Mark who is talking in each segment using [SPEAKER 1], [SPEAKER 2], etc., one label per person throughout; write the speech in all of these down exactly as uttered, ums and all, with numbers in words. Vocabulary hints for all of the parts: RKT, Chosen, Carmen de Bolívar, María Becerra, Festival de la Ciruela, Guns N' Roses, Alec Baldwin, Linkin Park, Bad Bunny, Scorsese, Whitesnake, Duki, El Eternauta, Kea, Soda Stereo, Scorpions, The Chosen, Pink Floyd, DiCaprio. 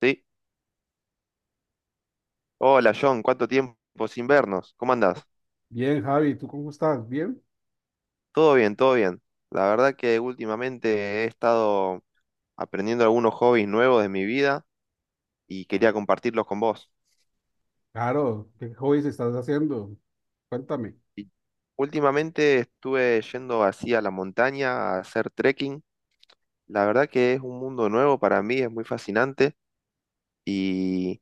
[SPEAKER 1] Sí. Hola John, ¿cuánto tiempo sin vernos? ¿Cómo andás?
[SPEAKER 2] Bien, Javi, ¿tú cómo estás? ¿Bien?
[SPEAKER 1] Todo bien, todo bien. La verdad que últimamente he estado aprendiendo algunos hobbies nuevos de mi vida y quería compartirlos con vos.
[SPEAKER 2] Claro, ¿qué hobbies estás haciendo? Cuéntame.
[SPEAKER 1] Y últimamente estuve yendo así a la montaña a hacer trekking. La verdad que es un mundo nuevo para mí, es muy fascinante y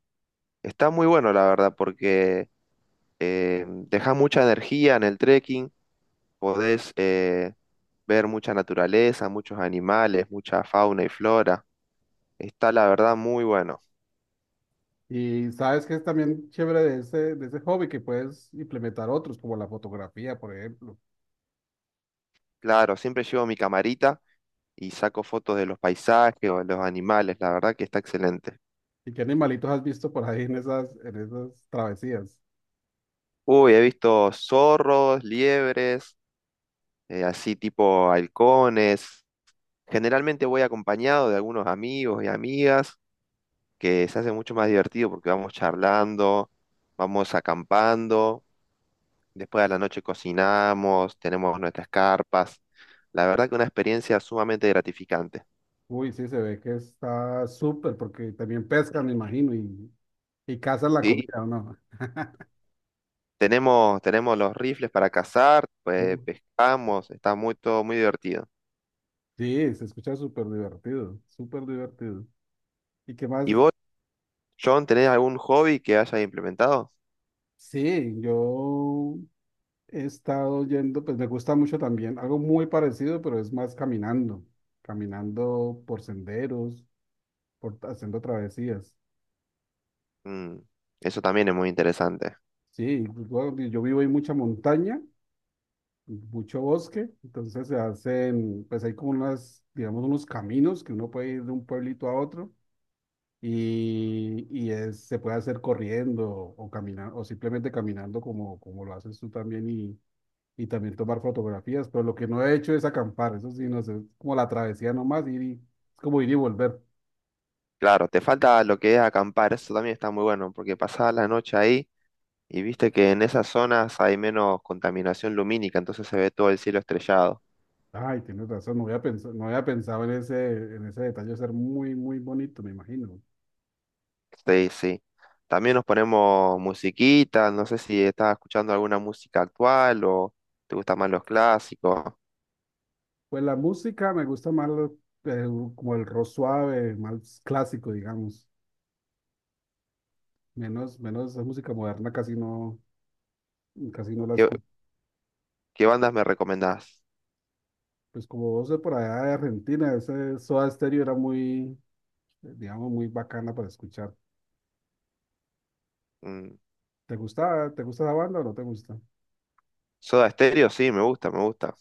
[SPEAKER 1] está muy bueno, la verdad, porque eh, deja mucha energía en el trekking. Podés eh, ver mucha naturaleza, muchos animales, mucha fauna y flora. Está la verdad muy bueno.
[SPEAKER 2] Y sabes que es también chévere de ese, de ese hobby que puedes implementar otros, como la fotografía, por ejemplo.
[SPEAKER 1] Claro, siempre llevo mi camarita y saco fotos de los paisajes o de los animales. La verdad que está excelente.
[SPEAKER 2] ¿Y qué animalitos has visto por ahí en esas, en esas travesías?
[SPEAKER 1] Uy, he visto zorros, liebres, eh, así tipo halcones. Generalmente voy acompañado de algunos amigos y amigas que se hace mucho más divertido porque vamos charlando, vamos acampando. Después a la noche cocinamos, tenemos nuestras carpas. La verdad que una experiencia sumamente gratificante.
[SPEAKER 2] Uy, sí, se ve que está súper, porque también pescan, me imagino, y, y cazan la
[SPEAKER 1] Sí,
[SPEAKER 2] comida, ¿o no?
[SPEAKER 1] tenemos, tenemos los rifles para cazar, pues
[SPEAKER 2] Uh,
[SPEAKER 1] pescamos, está muy, todo muy divertido.
[SPEAKER 2] Sí, se escucha súper divertido, súper divertido. ¿Y qué
[SPEAKER 1] ¿Y
[SPEAKER 2] más?
[SPEAKER 1] vos, John, tenés algún hobby que hayas implementado?
[SPEAKER 2] Sí, yo he estado yendo, pues me gusta mucho también, algo muy parecido, pero es más caminando, caminando por senderos, por, haciendo travesías.
[SPEAKER 1] Mm, eso también es muy interesante.
[SPEAKER 2] Sí, pues, bueno, y yo vivo en mucha montaña, mucho bosque, entonces se hacen, pues hay como unas, digamos, unos caminos que uno puede ir de un pueblito a otro y, y es- se puede hacer corriendo o caminar, o simplemente caminando como, como lo haces tú también y también tomar fotografías, pero lo que no he hecho es acampar, eso sí, no sé, es como la travesía nomás, ir y, es como ir y volver.
[SPEAKER 1] Claro, te falta lo que es acampar, eso también está muy bueno, porque pasás la noche ahí y viste que en esas zonas hay menos contaminación lumínica, entonces se ve todo el cielo estrellado.
[SPEAKER 2] Ay, tienes razón, no había pensado, no había pensado en ese, en ese detalle, ser muy, muy bonito, me imagino.
[SPEAKER 1] Sí, sí. También nos ponemos musiquita, no sé si estás escuchando alguna música actual o te gustan más los clásicos.
[SPEAKER 2] Pues la música me gusta más lo- el- como el rock suave, más clásico, digamos, menos, menos esa música moderna casi no, casi no la
[SPEAKER 1] ¿Qué,
[SPEAKER 2] escucho.
[SPEAKER 1] qué bandas me recomendás?
[SPEAKER 2] Pues como vos de por allá de Argentina, ese Soda Stereo era muy, eh, digamos, muy bacana para escuchar.
[SPEAKER 1] Mm,
[SPEAKER 2] ¿Te gusta, Te gusta esa banda o no te gusta?
[SPEAKER 1] Soda Stereo, sí, me gusta, me gusta.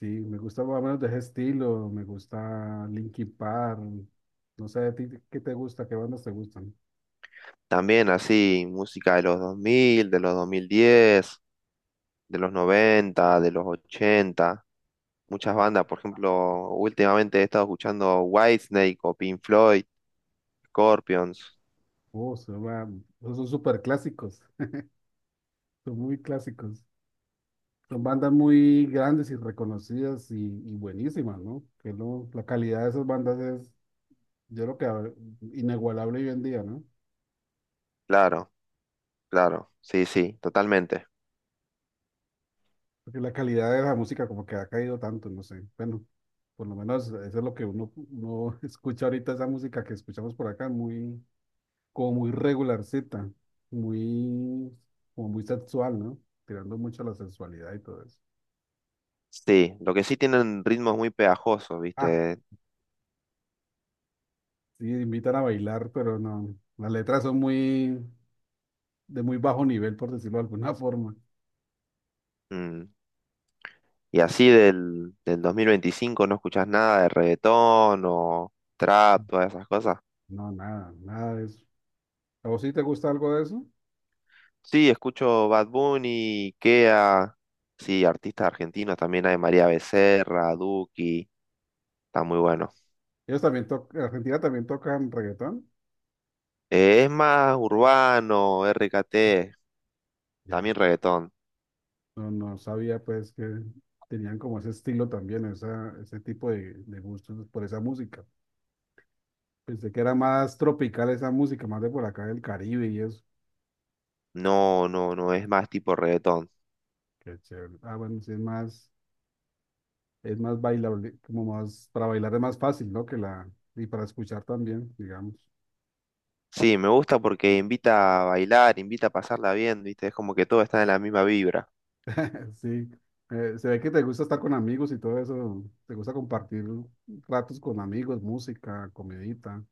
[SPEAKER 2] Sí, me gusta más o menos de ese estilo, me gusta Linkin Park, no sé, ¿a ti qué te gusta? ¿Qué bandas te gustan?
[SPEAKER 1] También así, música de los dos mil, de los dos mil diez, de los noventa, de los ochenta. Muchas bandas, por ejemplo, últimamente he estado escuchando Whitesnake o Pink Floyd, Scorpions.
[SPEAKER 2] Oh, son, ba- esos son súper clásicos, son muy clásicos. Son bandas muy grandes y reconocidas y, y buenísimas, ¿no? Que lo- la calidad de esas bandas es, yo creo que a- inigualable hoy en día, ¿no?
[SPEAKER 1] Claro, claro, sí, sí, totalmente.
[SPEAKER 2] Porque la calidad de la música como que ha caído tanto, no sé. Bueno, por lo menos eso es lo que uno, uno escucha ahorita, esa música que escuchamos por acá, muy como muy regular regularcita, muy, como muy sexual, ¿no? Tirando mucho a la sensualidad y todo eso.
[SPEAKER 1] Sí, lo que sí tienen ritmos muy pegajosos,
[SPEAKER 2] Ah,
[SPEAKER 1] ¿viste?
[SPEAKER 2] sí, invitan a bailar, pero no, las letras son muy, de muy bajo nivel, por decirlo de alguna forma.
[SPEAKER 1] Mm. Y así del, del dos mil veinticinco no escuchás nada de reggaetón o trap, todas esas cosas.
[SPEAKER 2] No, nada, nada de eso. ¿A vos sí te gusta algo de eso?
[SPEAKER 1] Sí, escucho Bad Bunny, Kea, sí, artistas argentinos, también hay María Becerra, Duki, está muy bueno.
[SPEAKER 2] Ellos también tocan, Argentina también tocan reggaetón.
[SPEAKER 1] Eh, es más urbano, R K T,
[SPEAKER 2] Ya,
[SPEAKER 1] también reggaetón.
[SPEAKER 2] no, no sabía pues que tenían como ese estilo también, esa, ese tipo de, de gustos por esa música. Pensé que era más tropical esa música, más de por acá del Caribe y eso.
[SPEAKER 1] No, no, no, es más tipo reggaetón.
[SPEAKER 2] Qué chévere. Ah, bueno, sí es más, es más bailable, como más, para bailar es más fácil, ¿no? Que la, y para escuchar también, digamos.
[SPEAKER 1] Sí, me gusta porque invita a bailar, invita a pasarla bien, ¿viste? Es como que todo está en la misma vibra.
[SPEAKER 2] Sí, eh, se ve que te gusta estar con amigos y todo eso, te gusta compartir ratos con amigos, música, comidita.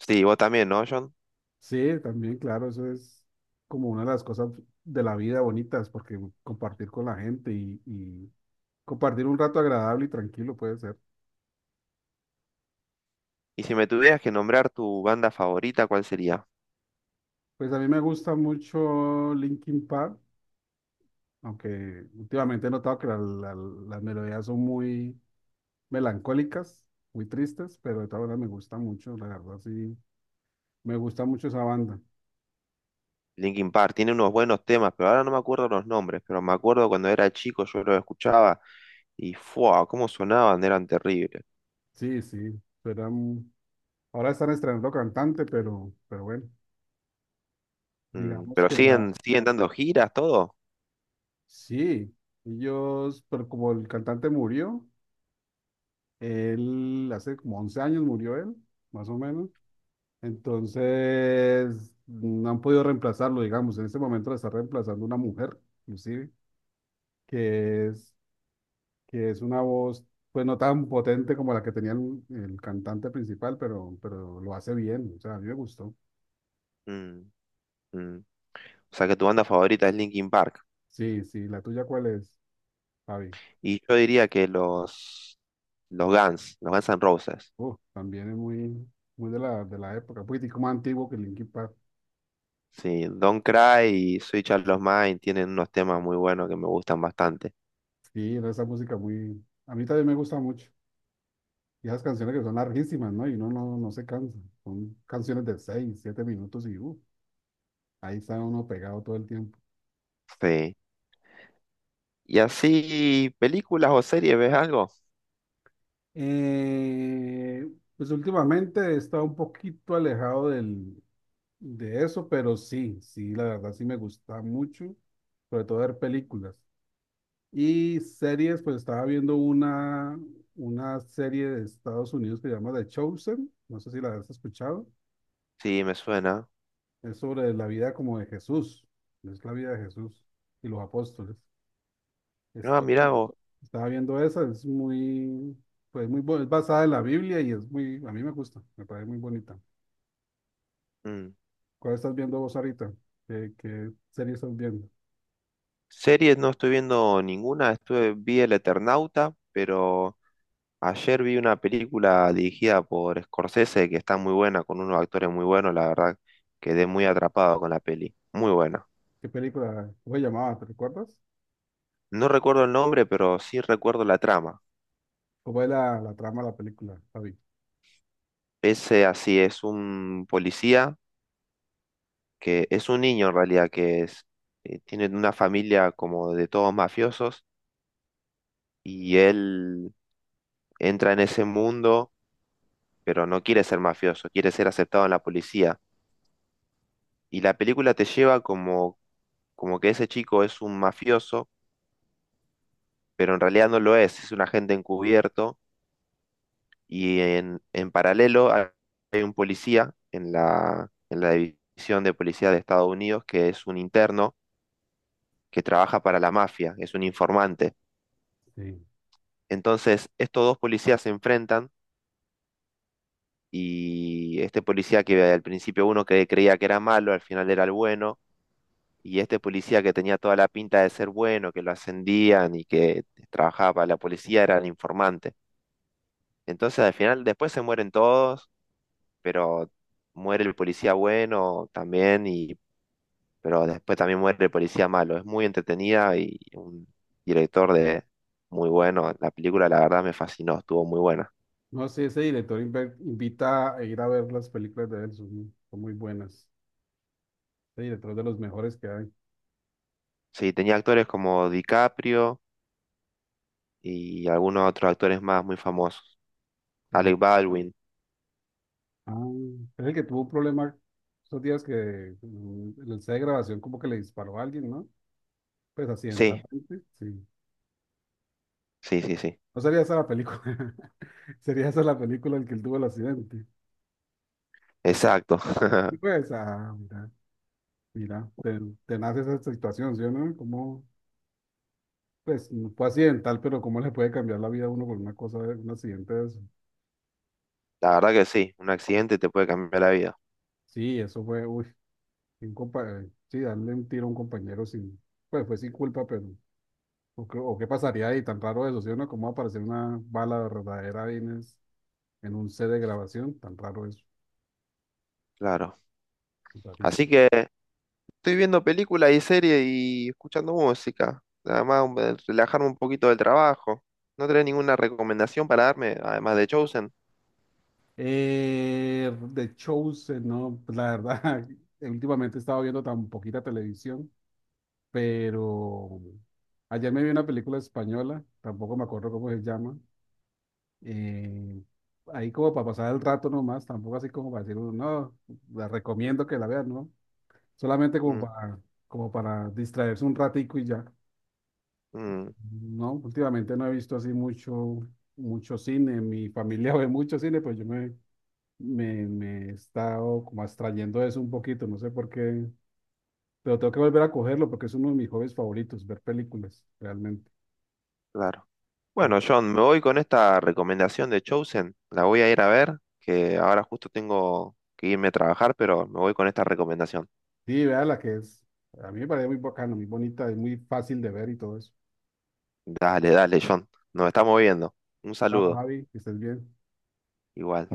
[SPEAKER 1] Sí, vos también, ¿no, John?
[SPEAKER 2] Sí, también, claro, eso es como una de las cosas de la vida bonitas, porque compartir con la gente y, y compartir un rato agradable y tranquilo puede ser.
[SPEAKER 1] Y si me tuvieras que nombrar tu banda favorita, ¿cuál sería?
[SPEAKER 2] Pues a mí me gusta mucho Linkin Park, aunque últimamente he notado que la- la- las melodías son muy melancólicas, muy tristes, pero de todas maneras me gusta mucho, la verdad sí, me gusta mucho esa banda.
[SPEAKER 1] Linkin Park tiene unos buenos temas, pero ahora no me acuerdo los nombres, pero me acuerdo cuando era chico yo los escuchaba y ¡fua! Cómo sonaban, eran terribles.
[SPEAKER 2] Sí, sí, pero ahora están estrenando cantante, pero, pero bueno,
[SPEAKER 1] Mm,
[SPEAKER 2] digamos
[SPEAKER 1] pero
[SPEAKER 2] que la,
[SPEAKER 1] siguen, siguen dando giras, todo.
[SPEAKER 2] sí, ellos, pero como el cantante murió, él hace como once años murió él, más o menos, entonces no han podido reemplazarlo, digamos, en este momento lo está reemplazando una mujer, inclusive. que es, que es una voz, pues no tan potente como la que tenía el, el cantante principal, pero, pero lo hace bien, o sea, a mí me gustó.
[SPEAKER 1] Mm, mm. O sea que tu banda favorita es Linkin Park.
[SPEAKER 2] Sí, sí, la tuya cuál es, Javi.
[SPEAKER 1] Y yo diría que los, los Guns, los Guns N' Roses.
[SPEAKER 2] Uf, también es muy, muy de la, de la época, un poquitico más antiguo que Linkin Park.
[SPEAKER 1] Sí, Don't Cry y Switch Out of Mind tienen unos temas muy buenos que me gustan bastante.
[SPEAKER 2] Sí, era esa música muy, a mí también me gusta mucho. Y esas canciones que son larguísimas, ¿no? Y uno no, no se cansa. Son canciones de seis, siete minutos y uf, ahí está uno pegado todo el tiempo.
[SPEAKER 1] Sí. Y así, películas o series, ¿ves algo?
[SPEAKER 2] Eh, pues últimamente he estado un poquito alejado del, de eso, pero sí, sí, la verdad sí me gusta mucho, sobre todo ver películas. Y series, pues estaba viendo una, una serie de Estados Unidos que se llama The Chosen, no sé si la has escuchado,
[SPEAKER 1] Sí, me suena.
[SPEAKER 2] es sobre la vida como de Jesús, es la vida de Jesús y los apóstoles.
[SPEAKER 1] No,
[SPEAKER 2] Esto,
[SPEAKER 1] mirá vos.
[SPEAKER 2] Estaba viendo esa, es muy, pues muy, bo- es basada en la Biblia y es muy, a mí me gusta, me parece muy bonita.
[SPEAKER 1] Mm.
[SPEAKER 2] ¿Cuál estás viendo vos ahorita? ¿Qué, qué serie estás viendo?
[SPEAKER 1] Series no estoy viendo ninguna. Estuve, vi El Eternauta, pero ayer vi una película dirigida por Scorsese que está muy buena, con unos actores muy buenos, la verdad. Quedé muy atrapado con la peli. Muy buena.
[SPEAKER 2] ¿Qué película? ¿Cómo se llamaba? ¿Te recuerdas?
[SPEAKER 1] No recuerdo el nombre, pero sí recuerdo la trama.
[SPEAKER 2] ¿Cómo es la, la trama de la película, Javi?
[SPEAKER 1] Ese así es un policía que es un niño en realidad, que es, eh, tiene una familia como de todos mafiosos y él entra en ese mundo, pero no quiere ser mafioso, quiere ser aceptado en la policía. Y la película te lleva como, como que ese chico es un mafioso, pero en realidad no lo es, es un agente encubierto y en, en paralelo hay hay un policía en la, en la división de policía de Estados Unidos que es un interno que trabaja para la mafia, es un informante.
[SPEAKER 2] Sí.
[SPEAKER 1] Entonces, estos dos policías se enfrentan y este policía que al principio uno que creía que era malo, al final era el bueno, y este policía que tenía toda la pinta de ser bueno, que lo ascendían y que trabajaba para la policía, era el informante. Entonces al final después se mueren todos, pero muere el policía bueno también, y, pero después también muere el policía malo. Es muy entretenida y un director de muy bueno. La película la verdad me fascinó, estuvo muy buena.
[SPEAKER 2] No sé, ese director inve- invita a ir a ver las películas de él, son, son muy buenas. Ese director es de los mejores que hay.
[SPEAKER 1] Sí, tenía actores como DiCaprio y algunos otros actores más muy famosos.
[SPEAKER 2] Ah,
[SPEAKER 1] Alec Baldwin.
[SPEAKER 2] ah, es el que tuvo un problema esos días que mm, en el set de grabación como que le disparó a alguien, ¿no? Pues
[SPEAKER 1] Sí,
[SPEAKER 2] accidentalmente, sí.
[SPEAKER 1] sí, sí, sí.
[SPEAKER 2] No sería esa la película, sería esa la película en que él tuvo el accidente.
[SPEAKER 1] Exacto.
[SPEAKER 2] Y pues, ah, mira. Mira, te, te nace esa situación, ¿sí o no? Como, pues, no fue accidental, pero cómo le puede cambiar la vida a uno con una cosa, de- un accidente de eso.
[SPEAKER 1] La verdad que sí, un accidente te puede cambiar la vida.
[SPEAKER 2] Sí, eso fue, uy, un compa- eh, sí, darle un tiro a un compañero sin, pues fue sin culpa, pero, o, qué o qué pasaría ahí, tan raro eso, ¿sí o no? ¿Cómo va a aparecer una bala verdadera ahí en, es- en un set de grabación? Tan raro eso,
[SPEAKER 1] Claro. Así
[SPEAKER 2] rarísimo.
[SPEAKER 1] que estoy viendo películas y series y escuchando música. Además, un- eh, relajarme un poquito del trabajo. ¿No tenés ninguna recomendación para darme, además de Chosen?
[SPEAKER 2] Eh, de shows, eh, no, pues, la verdad, últimamente he estado viendo tan poquita televisión, pero ayer me vi una película española, tampoco me acuerdo cómo se llama, eh, ahí como para pasar el rato nomás, tampoco así como para decir, "Uh, no, la recomiendo que la vean, ¿no?". Solamente como
[SPEAKER 1] Mm,
[SPEAKER 2] para, como para, distraerse un ratico y ya.
[SPEAKER 1] mm,
[SPEAKER 2] No, últimamente no he visto así mucho, mucho cine, mi familia ve mucho cine, pues yo me, me, me he estado como abstrayendo de eso un poquito, no sé por qué, pero tengo que volver a cogerlo porque es uno de mis hobbies favoritos, ver películas, realmente.
[SPEAKER 1] claro.
[SPEAKER 2] Ver
[SPEAKER 1] Bueno, John, me voy con esta recomendación de Chosen. La voy a ir a ver, que ahora justo tengo que irme a trabajar, pero me voy con esta recomendación.
[SPEAKER 2] Sí, vea la que es. A mí me parece muy bacano, muy bonita, es muy fácil de ver y todo eso.
[SPEAKER 1] Dale, dale, John. Nos estamos viendo. Un
[SPEAKER 2] Vamos,
[SPEAKER 1] saludo,
[SPEAKER 2] Javi, que estés bien.
[SPEAKER 1] igual.